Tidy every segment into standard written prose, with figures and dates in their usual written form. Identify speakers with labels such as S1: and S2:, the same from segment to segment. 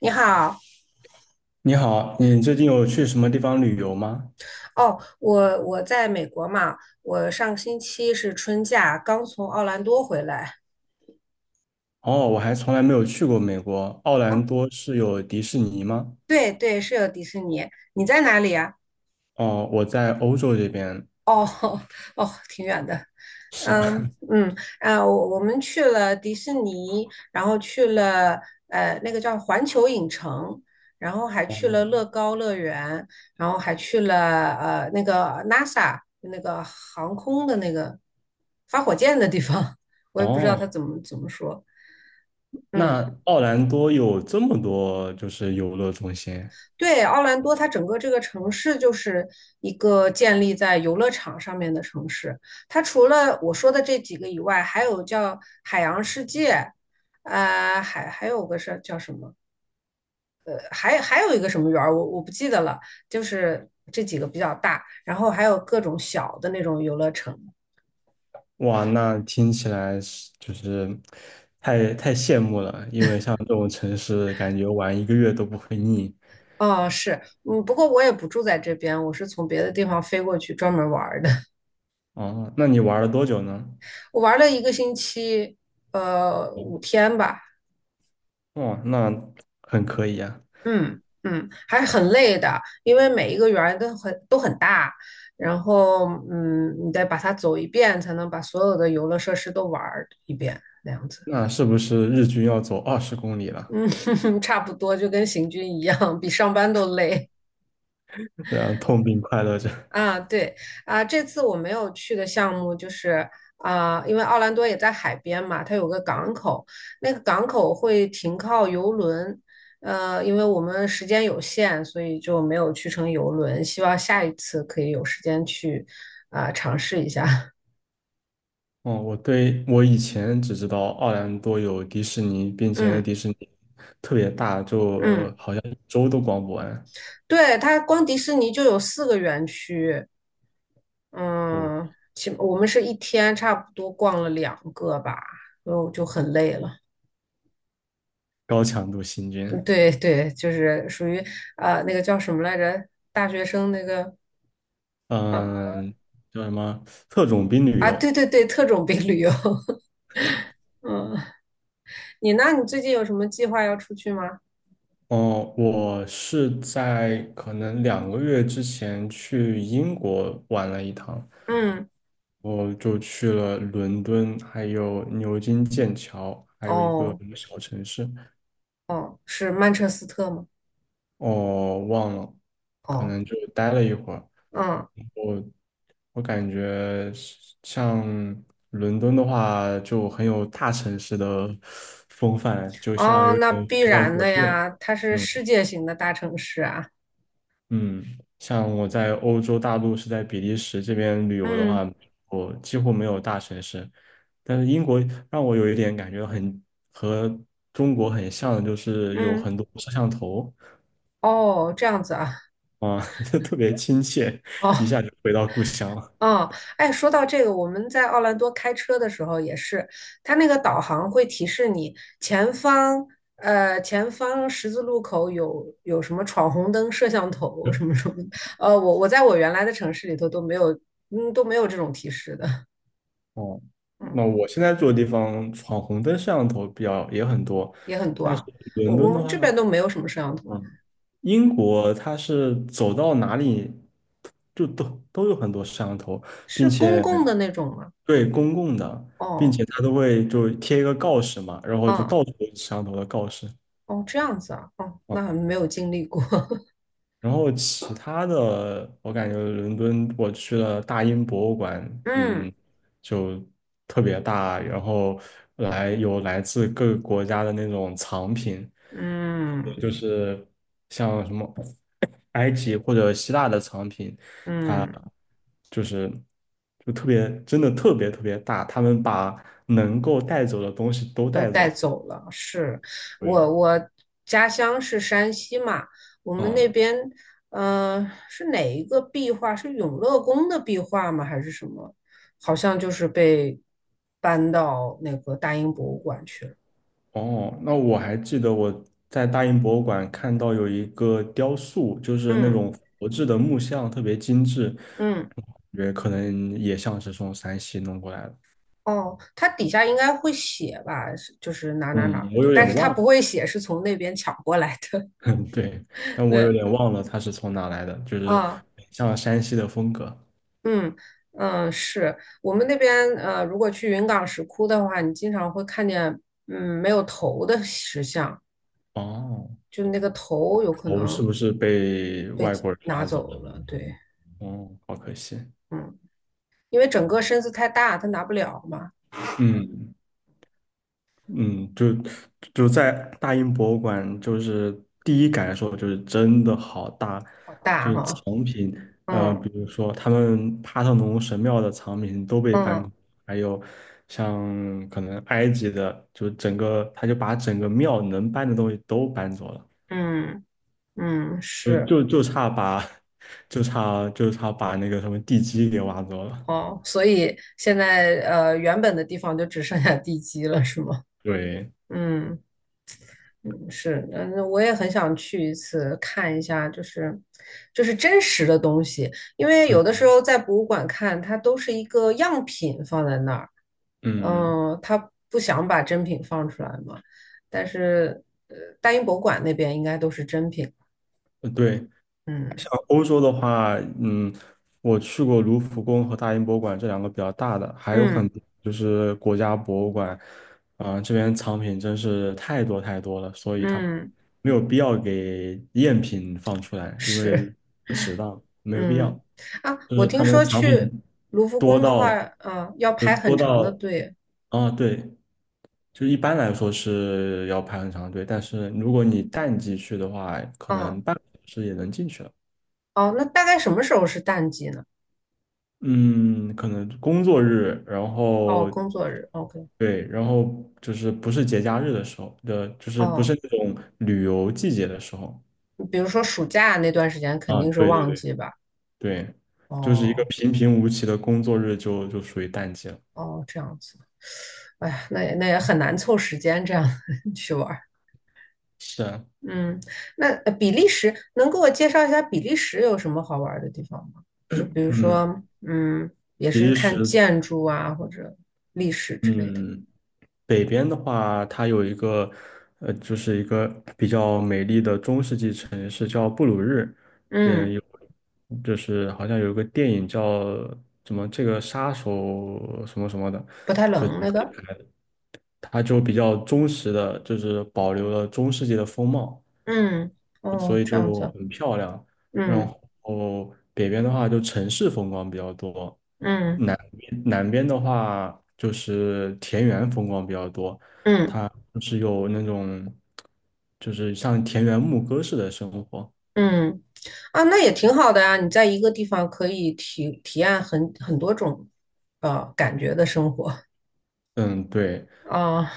S1: 你好，
S2: 你好，你最近有去什么地方旅游吗？
S1: 哦，我在美国嘛，我上星期是春假，刚从奥兰多回来。
S2: 哦，我还从来没有去过美国，奥兰
S1: 哦，
S2: 多是有迪士尼吗？
S1: 对对，是有迪士尼。你在哪里啊？
S2: 哦，我在欧洲这边。
S1: 哦 哦，挺远的。
S2: 是啊，
S1: 嗯嗯啊，我们去了迪士尼，然后去了那个叫环球影城，然后还去了 乐高乐园，然后还去了那个 NASA 那个航空的那个发火箭的地方，我也不知道他
S2: 哦，
S1: 怎么说。嗯。
S2: 那奥兰多有这么多就是游乐中心。
S1: 对，奥兰多它整个这个城市就是一个建立在游乐场上面的城市。它除了我说的这几个以外，还有叫海洋世界，还有个是叫什么？还有一个什么园儿，我不记得了。就是这几个比较大，然后还有各种小的那种游乐城。
S2: 哇，那听起来是就是太羡慕了，因为像这种城市，感觉玩一个月都不会腻。
S1: 哦，是，嗯，不过我也不住在这边，我是从别的地方飞过去专门玩儿的。
S2: 哦，那你玩了多久呢？
S1: 我玩了1个星期，5天吧。
S2: 哦，那很可以啊。
S1: 嗯嗯，还是很累的，因为每一个园儿都很大，然后你得把它走一遍，才能把所有的游乐设施都玩儿一遍，那样子，
S2: 那是不是日均要走20公里
S1: 嗯，
S2: 了？
S1: 差不多就跟行军一样，比上班都累。
S2: 对啊，痛并快乐着。
S1: 啊，对啊，这次我没有去的项目就是啊，因为奥兰多也在海边嘛，它有个港口，那个港口会停靠游轮，因为我们时间有限，所以就没有去成游轮，希望下一次可以有时间去啊，尝试一下。
S2: 哦，我对我以前只知道奥兰多有迪士尼，并且
S1: 嗯
S2: 迪士尼特别大，就
S1: 嗯，
S2: 好像一周都逛不完。
S1: 对，它光迪士尼就有4个园区，
S2: 哦，
S1: 嗯，起我们是一天差不多逛了两个吧，所以我就很累了。
S2: 高强度行军。
S1: 对对，就是属于啊、那个叫什么来着？大学生那个啊
S2: 嗯，叫什么特种兵旅
S1: 啊，
S2: 游？
S1: 对对对，特种兵旅游。嗯，那你最近有什么计划要出去吗？
S2: 哦，我是在可能2个月之前去英国玩了一趟，
S1: 嗯，
S2: 我就去了伦敦，还有牛津、剑桥。
S1: 哦哦，是曼彻斯特吗？
S2: 哦忘了，可
S1: 哦，
S2: 能就待了一会儿。
S1: 嗯
S2: 我感觉是像伦敦的话，就很有大城市的 风范，就像
S1: 哦，
S2: 有
S1: 那
S2: 点
S1: 必
S2: 回到
S1: 然
S2: 国
S1: 的
S2: 内了。
S1: 呀，它是
S2: 嗯
S1: 世界型的大城市啊。
S2: 嗯，像我在欧洲大陆是在比利时这边旅游的
S1: 嗯
S2: 话，我几乎没有大城市。但是英国让我有一点感觉很和中国很像的，就是有
S1: 嗯，
S2: 很多摄像头。
S1: 哦，这样子啊。
S2: 啊，就特别亲切，
S1: 哦，
S2: 一下就回到故乡了。
S1: 嗯，哎，说到这个，我们在奥兰多开车的时候也是，它那个导航会提示你前方，前方十字路口有什么闯红灯、摄像头什么什么的。我在我原来的城市里头都没有，嗯，都没有这种提示的，
S2: 哦，那
S1: 嗯，
S2: 我现在住的地方闯红灯摄像头比较也很多。
S1: 也很多
S2: 但是
S1: 啊。我
S2: 伦敦
S1: 我
S2: 的
S1: 们这边
S2: 话，
S1: 都没有什么摄像头，
S2: 嗯，英国它是走到哪里就都有很多摄像头，并
S1: 是
S2: 且
S1: 公共的那种吗？
S2: 对公共的，并
S1: 哦，
S2: 且它都会就贴一个告示嘛，然后就
S1: 嗯，
S2: 到处都是摄像头的告示。嗯，
S1: 哦，这样子啊，哦，那没有经历过，
S2: 然后其他的，我感觉伦敦我去了大英博物馆。
S1: 嗯
S2: 嗯，就特别大，然后有来自各个国家的那种藏品，特别
S1: 嗯
S2: 就是像什么埃及或者希腊的藏品，它
S1: 嗯。
S2: 就是就特别真的特别特别大，他们把能够带走的东西都
S1: 都
S2: 带走
S1: 带
S2: 了。
S1: 走了。是
S2: 对，
S1: 我家乡是山西嘛，我们那
S2: 嗯。
S1: 边是哪一个壁画？是永乐宫的壁画吗？还是什么？好像就是被搬到那个大英博物馆去了。
S2: 哦，那我还记得我在大英博物馆看到有一个雕塑，就是那
S1: 嗯
S2: 种佛制的木像，特别精致，
S1: 嗯。
S2: 感觉可能也像是从山西弄过来的。
S1: 哦，它底下应该会写吧，是就是哪哪哪
S2: 嗯，
S1: 儿
S2: 我
S1: 的，
S2: 有
S1: 但
S2: 点
S1: 是它
S2: 忘了。
S1: 不会写是从那边抢过来的。
S2: 对，但我有
S1: 对，
S2: 点忘了它是从哪来的，就是
S1: 啊、
S2: 很像山西的风格。
S1: 嗯嗯，是我们那边如果去云冈石窟的话，你经常会看见没有头的石像，
S2: 哦，
S1: 就那个头有可
S2: 头是
S1: 能
S2: 不是被
S1: 被
S2: 外国人
S1: 拿
S2: 挖走
S1: 走
S2: 了？
S1: 了。对，
S2: 哦，好可惜。
S1: 嗯，因为整个身子太大，他拿不了嘛，
S2: 嗯，嗯，就在大英博物馆，就是第一感受就是真的好大。
S1: 好
S2: 就
S1: 大
S2: 是
S1: 哈。
S2: 藏品，比
S1: 嗯
S2: 如说他们帕特农神庙的藏品都被搬
S1: 嗯
S2: 空，还有像可能埃及的，就整个他就把整个庙能搬的东西都搬走了，
S1: 嗯嗯，
S2: 就
S1: 是
S2: 就就差把 就差把那个什么地基给挖走了。
S1: 哦，所以现在原本的地方就只剩下地基了，是吗？
S2: 对，
S1: 嗯。嗯，是，嗯，我也很想去一次看一下，就是真实的东西，因为有的时
S2: 嗯
S1: 候在博物馆看，它都是一个样品放在那儿，
S2: 嗯，
S1: 他不想把真品放出来嘛，但是大英博物馆那边应该都是真品，
S2: 对。
S1: 嗯
S2: 像欧洲的话，嗯，我去过卢浮宫和大英博物馆这两个比较大的，还有很
S1: 嗯
S2: 多就是国家博物馆。啊、这边藏品真是太多太多了，所以它
S1: 嗯，
S2: 没有必要给赝品放出来，因为
S1: 是，
S2: 不值当，没有必要。
S1: 嗯啊，
S2: 就
S1: 我
S2: 是他
S1: 听
S2: 们
S1: 说
S2: 藏
S1: 去
S2: 品
S1: 卢浮
S2: 多
S1: 宫的话，
S2: 到，
S1: 要
S2: 就
S1: 排很
S2: 多
S1: 长的
S2: 到，
S1: 队，
S2: 啊，对，就一般来说是要排很长队，但是如果你淡季去的话，可
S1: 嗯
S2: 能半个小时也能进去了。
S1: 哦，那大概什么时候是淡季呢？
S2: 嗯，可能工作日，然
S1: 哦，
S2: 后
S1: 工作日，OK。
S2: 对，然后就是不是节假日的时候的，就是不是
S1: 哦，
S2: 那种旅游季节的时候。
S1: 比如说暑假那段时间肯
S2: 啊，
S1: 定是
S2: 对对
S1: 旺
S2: 对
S1: 季吧？
S2: 对，就是一个
S1: 哦
S2: 平平无奇的工作日就就属于淡季了。
S1: 哦，这样子，哎呀，那也很难凑时间这样 去玩儿。
S2: 是啊。
S1: 嗯，那比利时能给我介绍一下比利时有什么好玩儿的地方吗？就比如
S2: 嗯，
S1: 说，也
S2: 比
S1: 是
S2: 利
S1: 看
S2: 时，
S1: 建筑啊或者历史之类的。
S2: 嗯。北边的话，它有一个，呃，就是一个比较美丽的中世纪城市叫布鲁日。嗯，
S1: 嗯，
S2: 有，就是好像有一个电影叫什么这个杀手什么什么的，
S1: 不太
S2: 就
S1: 冷那个。
S2: 它就比较忠实的，就是保留了中世纪的风貌，
S1: 嗯，
S2: 所
S1: 哦，
S2: 以
S1: 这样
S2: 就
S1: 子。
S2: 很漂亮。然
S1: 嗯
S2: 后北边的话就城市风光比较多，
S1: 嗯
S2: 南边的话就是田园风光比较多。
S1: 嗯。
S2: 就是有那种，就是像田园牧歌式的生活。
S1: 嗯，啊，那也挺好的呀，你在一个地方可以体验很多种感觉的生活
S2: 嗯，对。
S1: 啊，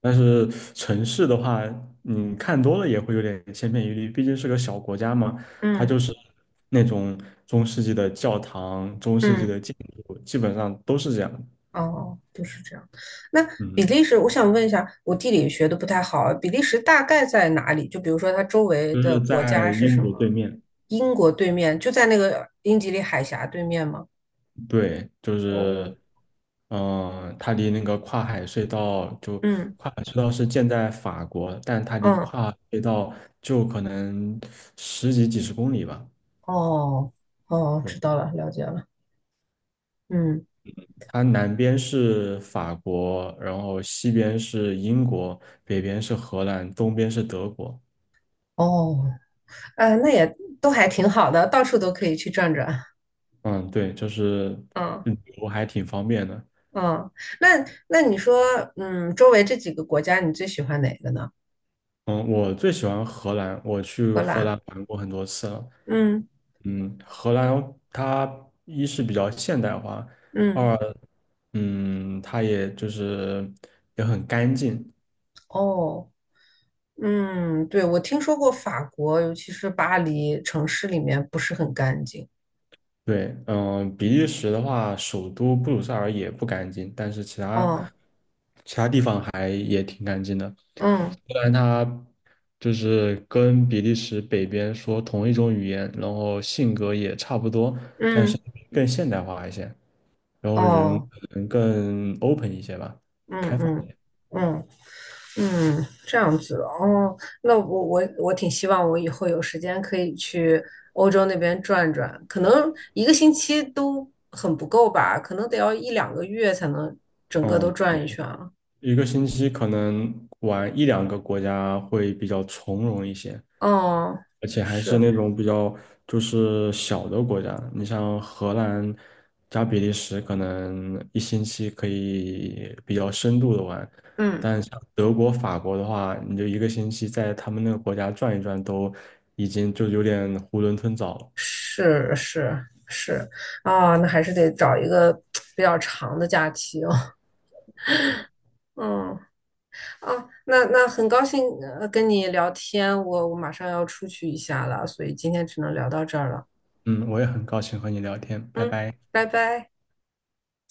S2: 但是城市的话，你看多了也会有点千篇一律，毕竟是个小国家嘛。它
S1: 嗯
S2: 就是那种中世纪的教堂、中世纪
S1: 嗯，
S2: 的建筑，基本上都是这样。
S1: 哦，就是这样。那比
S2: 嗯，
S1: 利时，我想问一下，我地理学的不太好啊，比利时大概在哪里？就比如说它周围
S2: 就
S1: 的
S2: 是
S1: 国
S2: 在
S1: 家是
S2: 英
S1: 什
S2: 国对
S1: 么？
S2: 面。
S1: 英国对面，就在那个英吉利海峡对面吗？
S2: 对，就
S1: 哦，
S2: 是，它离那个
S1: 嗯
S2: 跨海隧道是建在法国，但它离
S1: 嗯，
S2: 跨海隧道就可能十几几十公里吧。
S1: 哦哦，
S2: 对，
S1: 知道了，了解了，嗯，
S2: 它南边是法国，然后西边是英国，北边是荷兰，东边是德国。
S1: 哦。那也都还挺好的，到处都可以去转转。
S2: 嗯，对，就是
S1: 嗯
S2: 旅游还挺方便的。
S1: 嗯，那你说，周围这几个国家，你最喜欢哪个呢？
S2: 嗯，我最喜欢荷兰，我去
S1: 荷
S2: 荷
S1: 兰，
S2: 兰玩过很多次了。
S1: 嗯
S2: 嗯，荷兰它一是比较现代化，
S1: 嗯，
S2: 二它也就是也很干净。
S1: 哦，嗯，对，我听说过法国，尤其是巴黎城市里面不是很干净。
S2: 对，嗯，比利时的话，首都布鲁塞尔也不干净，但是其
S1: 哦，
S2: 他其他地方还也挺干净的。
S1: 嗯
S2: 虽然它就是跟比利时北边说同一种语言，然后性格也差不多，但是
S1: 嗯，
S2: 更现代化一些。然后人
S1: 哦，
S2: 可能更 open 一些吧，
S1: 嗯
S2: 开放。
S1: 嗯嗯。嗯，这样子哦，那我挺希望我以后有时间可以去欧洲那边转转，可能一个星期都很不够吧，可能得要1、2个月才能整个都
S2: 嗯，
S1: 转一
S2: 对，
S1: 圈啊。
S2: 一个星期可能玩一两个国家会比较从容一些，
S1: 哦，
S2: 而且还是
S1: 是，
S2: 那种比较就是小的国家，你像荷兰加比利时，可能一星期可以比较深度的玩，
S1: 嗯，
S2: 但像德国、法国的话，你就一个星期在他们那个国家转一转，都已经就有点囫囵吞枣了。
S1: 是是是，啊，那还是得找一个比较长的假期哦。嗯，啊，那很高兴跟你聊天，我马上要出去一下了，所以今天只能聊到这儿了。
S2: 嗯，我也很高兴和你聊天，拜
S1: 嗯，
S2: 拜。
S1: 拜拜。